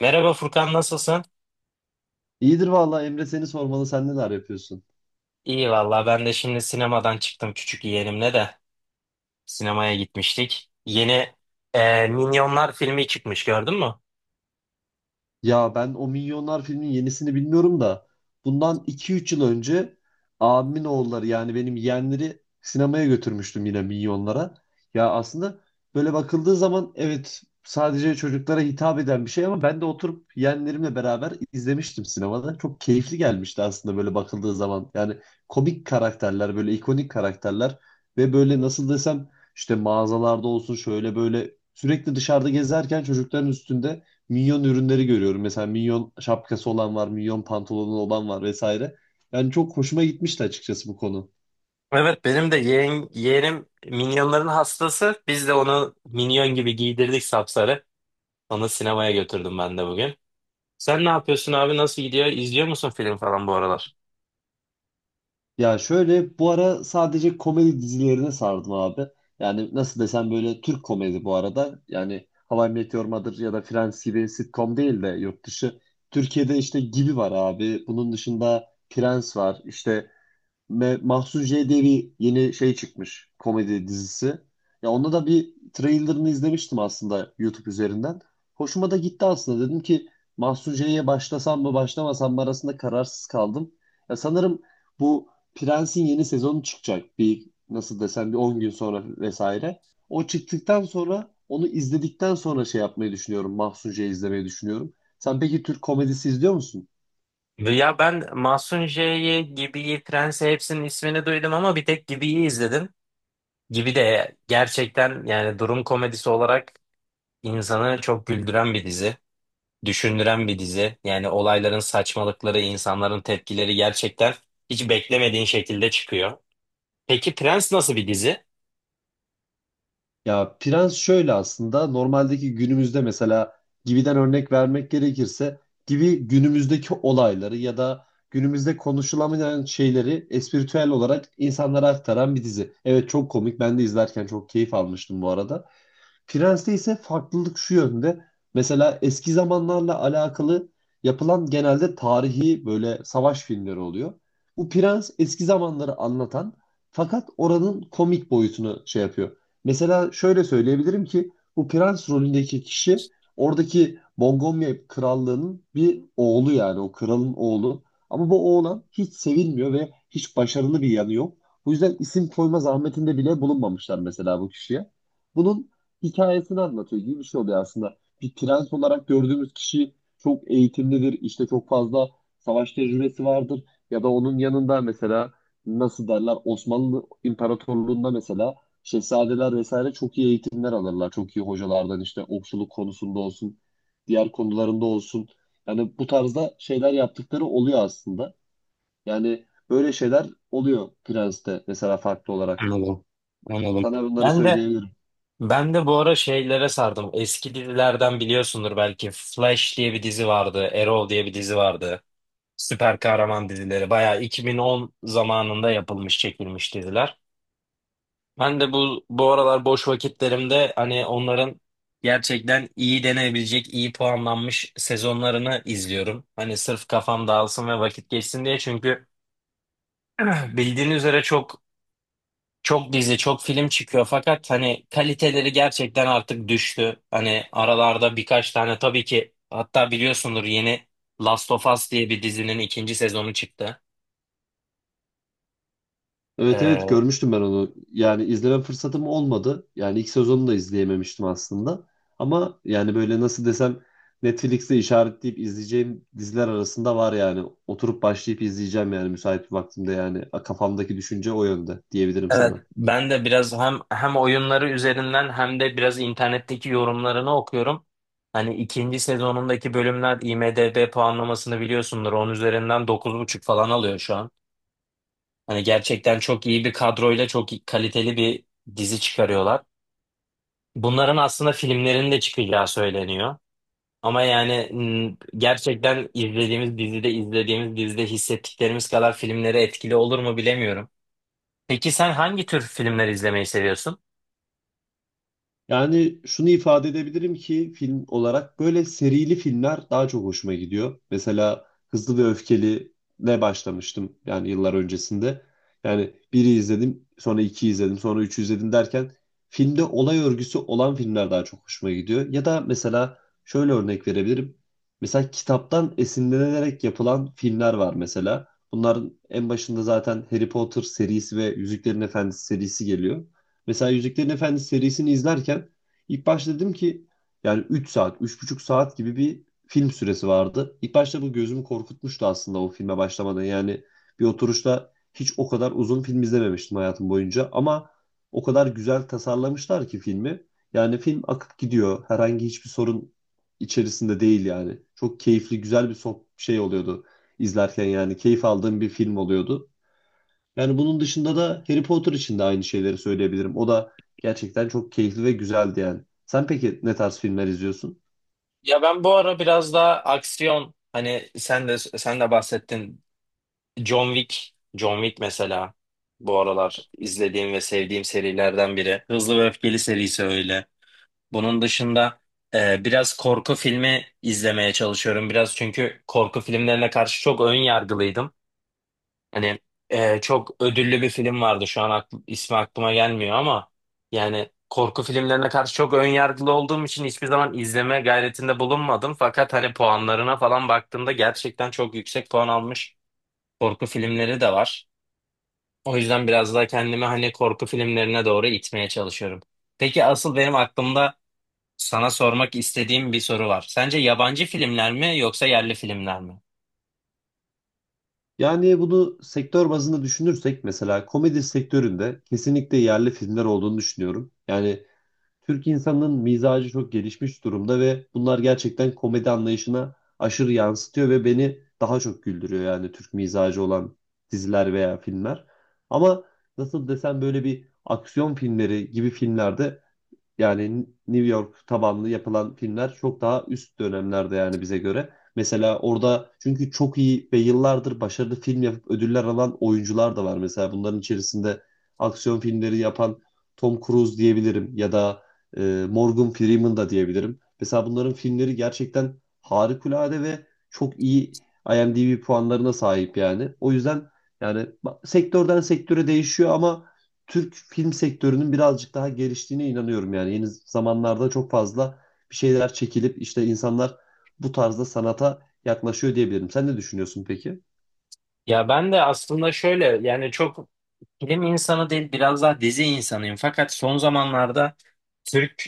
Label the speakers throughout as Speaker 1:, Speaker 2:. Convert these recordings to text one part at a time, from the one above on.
Speaker 1: Merhaba Furkan, nasılsın?
Speaker 2: İyidir vallahi Emre seni sormalı. Sen neler yapıyorsun?
Speaker 1: İyi valla, ben de şimdi sinemadan çıktım, küçük yeğenimle de sinemaya gitmiştik. Yeni Minyonlar filmi çıkmış, gördün mü?
Speaker 2: Ya ben o Minyonlar filminin yenisini bilmiyorum da bundan 2 3 yıl önce abimin oğulları yani benim yeğenleri sinemaya götürmüştüm yine Minyonlara. Ya aslında böyle bakıldığı zaman evet sadece çocuklara hitap eden bir şey ama ben de oturup yeğenlerimle beraber izlemiştim sinemada. Çok keyifli gelmişti aslında böyle bakıldığı zaman. Yani komik karakterler böyle ikonik karakterler ve böyle nasıl desem işte mağazalarda olsun şöyle böyle sürekli dışarıda gezerken çocukların üstünde Minyon ürünleri görüyorum. Mesela minyon şapkası olan var, minyon pantolonu olan var vesaire. Yani çok hoşuma gitmişti açıkçası bu konu.
Speaker 1: Evet, benim de yeğenim Minyonların hastası. Biz de onu Minyon gibi giydirdik sapsarı. Onu sinemaya götürdüm ben de bugün. Sen ne yapıyorsun abi, nasıl gidiyor? İzliyor musun film falan bu aralar?
Speaker 2: Ya şöyle bu ara sadece komedi dizilerine sardım abi. Yani nasıl desem böyle Türk komedi bu arada. Yani How I Met Your Mother ya da Friends gibi sitcom değil de yurt dışı. Türkiye'de işte Gibi var abi. Bunun dışında Prens var. İşte Mahsun J. diye yeni şey çıkmış komedi dizisi. Ya onda da bir trailerını izlemiştim aslında YouTube üzerinden. Hoşuma da gitti aslında. Dedim ki Mahsun J'ye başlasam mı başlamasam mı arasında kararsız kaldım. Ya sanırım bu Prens'in yeni sezonu çıkacak. Bir nasıl desem bir 10 gün sonra vesaire. O çıktıktan sonra onu izledikten sonra şey yapmayı düşünüyorum. Mahsun J'yi izlemeyi düşünüyorum. Sen peki Türk komedisi izliyor musun?
Speaker 1: Ya ben Mahsun J'yi, Gibi'yi, Prens'i hepsinin ismini duydum ama bir tek Gibi'yi izledim. Gibi de gerçekten yani durum komedisi olarak İnsanı çok güldüren bir dizi, düşündüren bir dizi. Yani olayların saçmalıkları, insanların tepkileri gerçekten hiç beklemediğin şekilde çıkıyor. Peki Prens nasıl bir dizi?
Speaker 2: Ya prens şöyle aslında normaldeki günümüzde mesela Gibi'den örnek vermek gerekirse Gibi günümüzdeki olayları ya da günümüzde konuşulamayan şeyleri espritüel olarak insanlara aktaran bir dizi. Evet çok komik ben de izlerken çok keyif almıştım bu arada. Prens'te ise farklılık şu yönde. Mesela eski zamanlarla alakalı yapılan genelde tarihi böyle savaş filmleri oluyor. Bu Prens eski zamanları anlatan fakat oranın komik boyutunu şey yapıyor. Mesela şöyle söyleyebilirim ki bu Prens rolündeki kişi oradaki Montgomery krallığının bir oğlu yani o kralın oğlu. Ama bu oğlan hiç sevilmiyor ve hiç başarılı bir yanı yok. Bu yüzden isim koyma zahmetinde bile bulunmamışlar mesela bu kişiye. Bunun hikayesini anlatıyor gibi bir şey oluyor aslında. Bir prens olarak gördüğümüz kişi çok eğitimlidir, işte çok fazla savaş tecrübesi vardır ya da onun yanında mesela nasıl derler Osmanlı İmparatorluğu'nda mesela şehzadeler vesaire çok iyi eğitimler alırlar. Çok iyi hocalardan işte okçuluk konusunda olsun, diğer konularında olsun. Yani bu tarzda şeyler yaptıkları oluyor aslında. Yani böyle şeyler oluyor Prens'te mesela farklı olarak.
Speaker 1: Anladım. Anladım.
Speaker 2: Sana bunları
Speaker 1: Ben de
Speaker 2: söyleyebilirim.
Speaker 1: ben de bu ara şeylere sardım. Eski dizilerden biliyorsundur belki. Flash diye bir dizi vardı, Arrow diye bir dizi vardı. Süper kahraman dizileri. Bayağı 2010 zamanında yapılmış, çekilmiş diziler. Ben de bu aralar boş vakitlerimde hani onların gerçekten iyi denebilecek, iyi puanlanmış sezonlarını izliyorum. Hani sırf kafam dağılsın ve vakit geçsin diye, çünkü bildiğin üzere çok dizi, çok film çıkıyor fakat hani kaliteleri gerçekten artık düştü. Hani aralarda birkaç tane tabii ki, hatta biliyorsundur, yeni Last of Us diye bir dizinin ikinci sezonu çıktı.
Speaker 2: Evet, evet
Speaker 1: Ee,
Speaker 2: görmüştüm ben onu. Yani izleme fırsatım olmadı. Yani ilk sezonunu da izleyememiştim aslında. Ama yani böyle nasıl desem Netflix'te işaretleyip izleyeceğim diziler arasında var yani. Oturup başlayıp izleyeceğim yani müsait bir vaktimde yani. Kafamdaki düşünce o yönde diyebilirim
Speaker 1: Evet,
Speaker 2: sana.
Speaker 1: ben de biraz hem oyunları üzerinden hem de biraz internetteki yorumlarını okuyorum. Hani ikinci sezonundaki bölümler IMDb puanlamasını biliyorsundur. Onun üzerinden dokuz buçuk falan alıyor şu an. Hani gerçekten çok iyi bir kadroyla kaliteli bir dizi çıkarıyorlar. Bunların aslında filmlerin de çıkacağı söyleniyor. Ama gerçekten izlediğimiz dizide hissettiklerimiz kadar filmlere etkili olur mu bilemiyorum. Peki sen hangi tür filmler izlemeyi seviyorsun?
Speaker 2: Yani şunu ifade edebilirim ki film olarak böyle serili filmler daha çok hoşuma gidiyor. Mesela Hızlı ve Öfkeli ne başlamıştım yani yıllar öncesinde. Yani biri izledim, sonra iki izledim, sonra üç izledim derken filmde olay örgüsü olan filmler daha çok hoşuma gidiyor. Ya da mesela şöyle örnek verebilirim. Mesela kitaptan esinlenerek yapılan filmler var mesela. Bunların en başında zaten Harry Potter serisi ve Yüzüklerin Efendisi serisi geliyor. Mesela Yüzüklerin Efendisi serisini izlerken ilk başta dedim ki yani 3 saat, 3,5 saat gibi bir film süresi vardı. İlk başta bu gözümü korkutmuştu aslında o filme başlamadan. Yani bir oturuşta hiç o kadar uzun film izlememiştim hayatım boyunca ama o kadar güzel tasarlamışlar ki filmi. Yani film akıp gidiyor. Herhangi hiçbir sorun içerisinde değil yani. Çok keyifli, güzel bir şey oluyordu izlerken yani keyif aldığım bir film oluyordu. Yani bunun dışında da Harry Potter için de aynı şeyleri söyleyebilirim. O da gerçekten çok keyifli ve güzeldi yani. Sen peki ne tarz filmler izliyorsun?
Speaker 1: Ya ben bu ara biraz daha aksiyon, hani sen de bahsettin, John Wick mesela bu aralar izlediğim ve sevdiğim serilerden biri. Hızlı ve Öfkeli serisi öyle. Bunun dışında biraz korku filmi izlemeye çalışıyorum biraz, çünkü korku filmlerine karşı çok ön yargılıydım. Hani çok ödüllü bir film vardı. Şu an ismi aklıma gelmiyor ama yani korku filmlerine karşı çok ön yargılı olduğum için hiçbir zaman izleme gayretinde bulunmadım. Fakat hani puanlarına falan baktığımda gerçekten çok yüksek puan almış korku filmleri de var. O yüzden biraz daha kendimi hani korku filmlerine doğru itmeye çalışıyorum. Peki asıl benim aklımda sana sormak istediğim bir soru var. Sence yabancı filmler mi yoksa yerli filmler mi?
Speaker 2: Yani bunu sektör bazında düşünürsek mesela komedi sektöründe kesinlikle yerli filmler olduğunu düşünüyorum. Yani Türk insanının mizacı çok gelişmiş durumda ve bunlar gerçekten komedi anlayışına aşırı yansıtıyor ve beni daha çok güldürüyor yani Türk mizacı olan diziler veya filmler. Ama nasıl desem böyle bir aksiyon filmleri gibi filmlerde yani New York tabanlı yapılan filmler çok daha üst dönemlerde yani bize göre. Mesela orada çünkü çok iyi ve yıllardır başarılı film yapıp ödüller alan oyuncular da var. Mesela bunların içerisinde aksiyon filmleri yapan Tom Cruise diyebilirim ya da Morgan Freeman da diyebilirim. Mesela bunların filmleri gerçekten harikulade ve çok iyi IMDb puanlarına sahip yani. O yüzden yani sektörden sektöre değişiyor ama Türk film sektörünün birazcık daha geliştiğine inanıyorum yani. Yeni zamanlarda çok fazla bir şeyler çekilip işte insanlar bu tarzda sanata yaklaşıyor diyebilirim. Sen ne düşünüyorsun peki?
Speaker 1: Ya ben de aslında şöyle, yani çok film insanı değil biraz daha dizi insanıyım. Fakat son zamanlarda Türk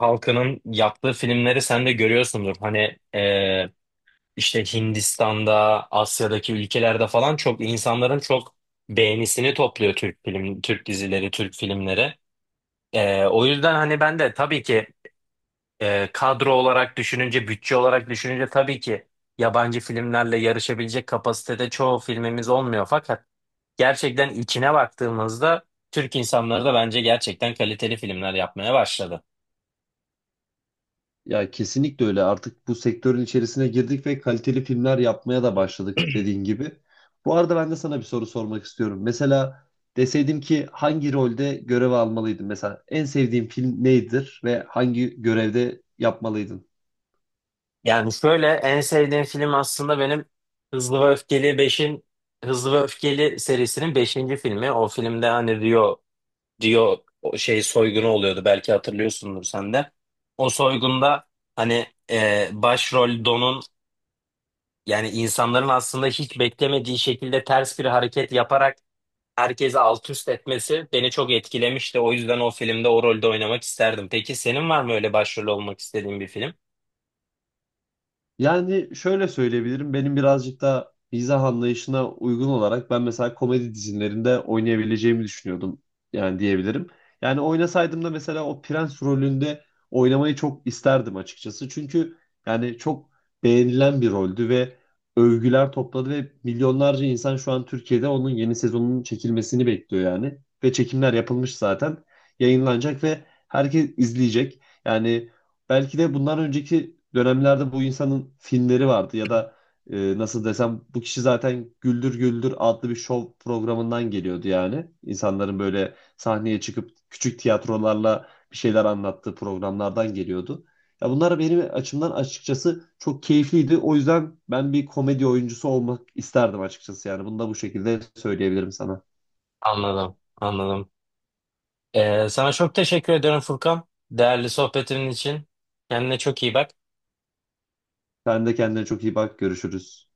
Speaker 1: halkının yaptığı filmleri sen de görüyorsundur. Hani işte Hindistan'da, Asya'daki ülkelerde falan çok, insanların çok beğenisini topluyor Türk film, Türk dizileri, Türk filmleri. O yüzden hani ben de tabii ki kadro olarak düşününce, bütçe olarak düşününce tabii ki yabancı filmlerle yarışabilecek kapasitede çoğu filmimiz olmuyor. Fakat gerçekten içine baktığımızda Türk insanları da bence gerçekten kaliteli filmler yapmaya başladı.
Speaker 2: Ya kesinlikle öyle. Artık bu sektörün içerisine girdik ve kaliteli filmler yapmaya da başladık dediğin gibi. Bu arada ben de sana bir soru sormak istiyorum. Mesela deseydim ki hangi rolde görev almalıydın? Mesela en sevdiğin film nedir ve hangi görevde yapmalıydın?
Speaker 1: Yani şöyle, en sevdiğim film aslında benim Hızlı ve Öfkeli beşin Hızlı ve Öfkeli serisinin beşinci filmi. O filmde hani Rio o şey soygunu oluyordu, belki hatırlıyorsundur sen de. O soygunda hani başrol Don'un, yani insanların aslında hiç beklemediği şekilde ters bir hareket yaparak herkesi alt üst etmesi beni çok etkilemişti. O yüzden o filmde o rolde oynamak isterdim. Peki senin var mı öyle başrol olmak istediğin bir film?
Speaker 2: Yani şöyle söyleyebilirim. Benim birazcık da mizah anlayışına uygun olarak ben mesela komedi dizilerinde oynayabileceğimi düşünüyordum. Yani diyebilirim. Yani oynasaydım da mesela o prens rolünde oynamayı çok isterdim açıkçası. Çünkü yani çok beğenilen bir roldü ve övgüler topladı ve milyonlarca insan şu an Türkiye'de onun yeni sezonunun çekilmesini bekliyor yani. Ve çekimler yapılmış zaten. Yayınlanacak ve herkes izleyecek. Yani belki de bundan önceki dönemlerde bu insanın filmleri vardı ya da nasıl desem bu kişi zaten Güldür Güldür adlı bir şov programından geliyordu yani. İnsanların böyle sahneye çıkıp küçük tiyatrolarla bir şeyler anlattığı programlardan geliyordu. Ya bunlar benim açımdan açıkçası çok keyifliydi. O yüzden ben bir komedi oyuncusu olmak isterdim açıkçası yani. Bunu da bu şekilde söyleyebilirim sana.
Speaker 1: Anladım, anladım. Sana çok teşekkür ederim Furkan. Değerli sohbetin için. Kendine çok iyi bak.
Speaker 2: Sen de kendine çok iyi bak. Görüşürüz.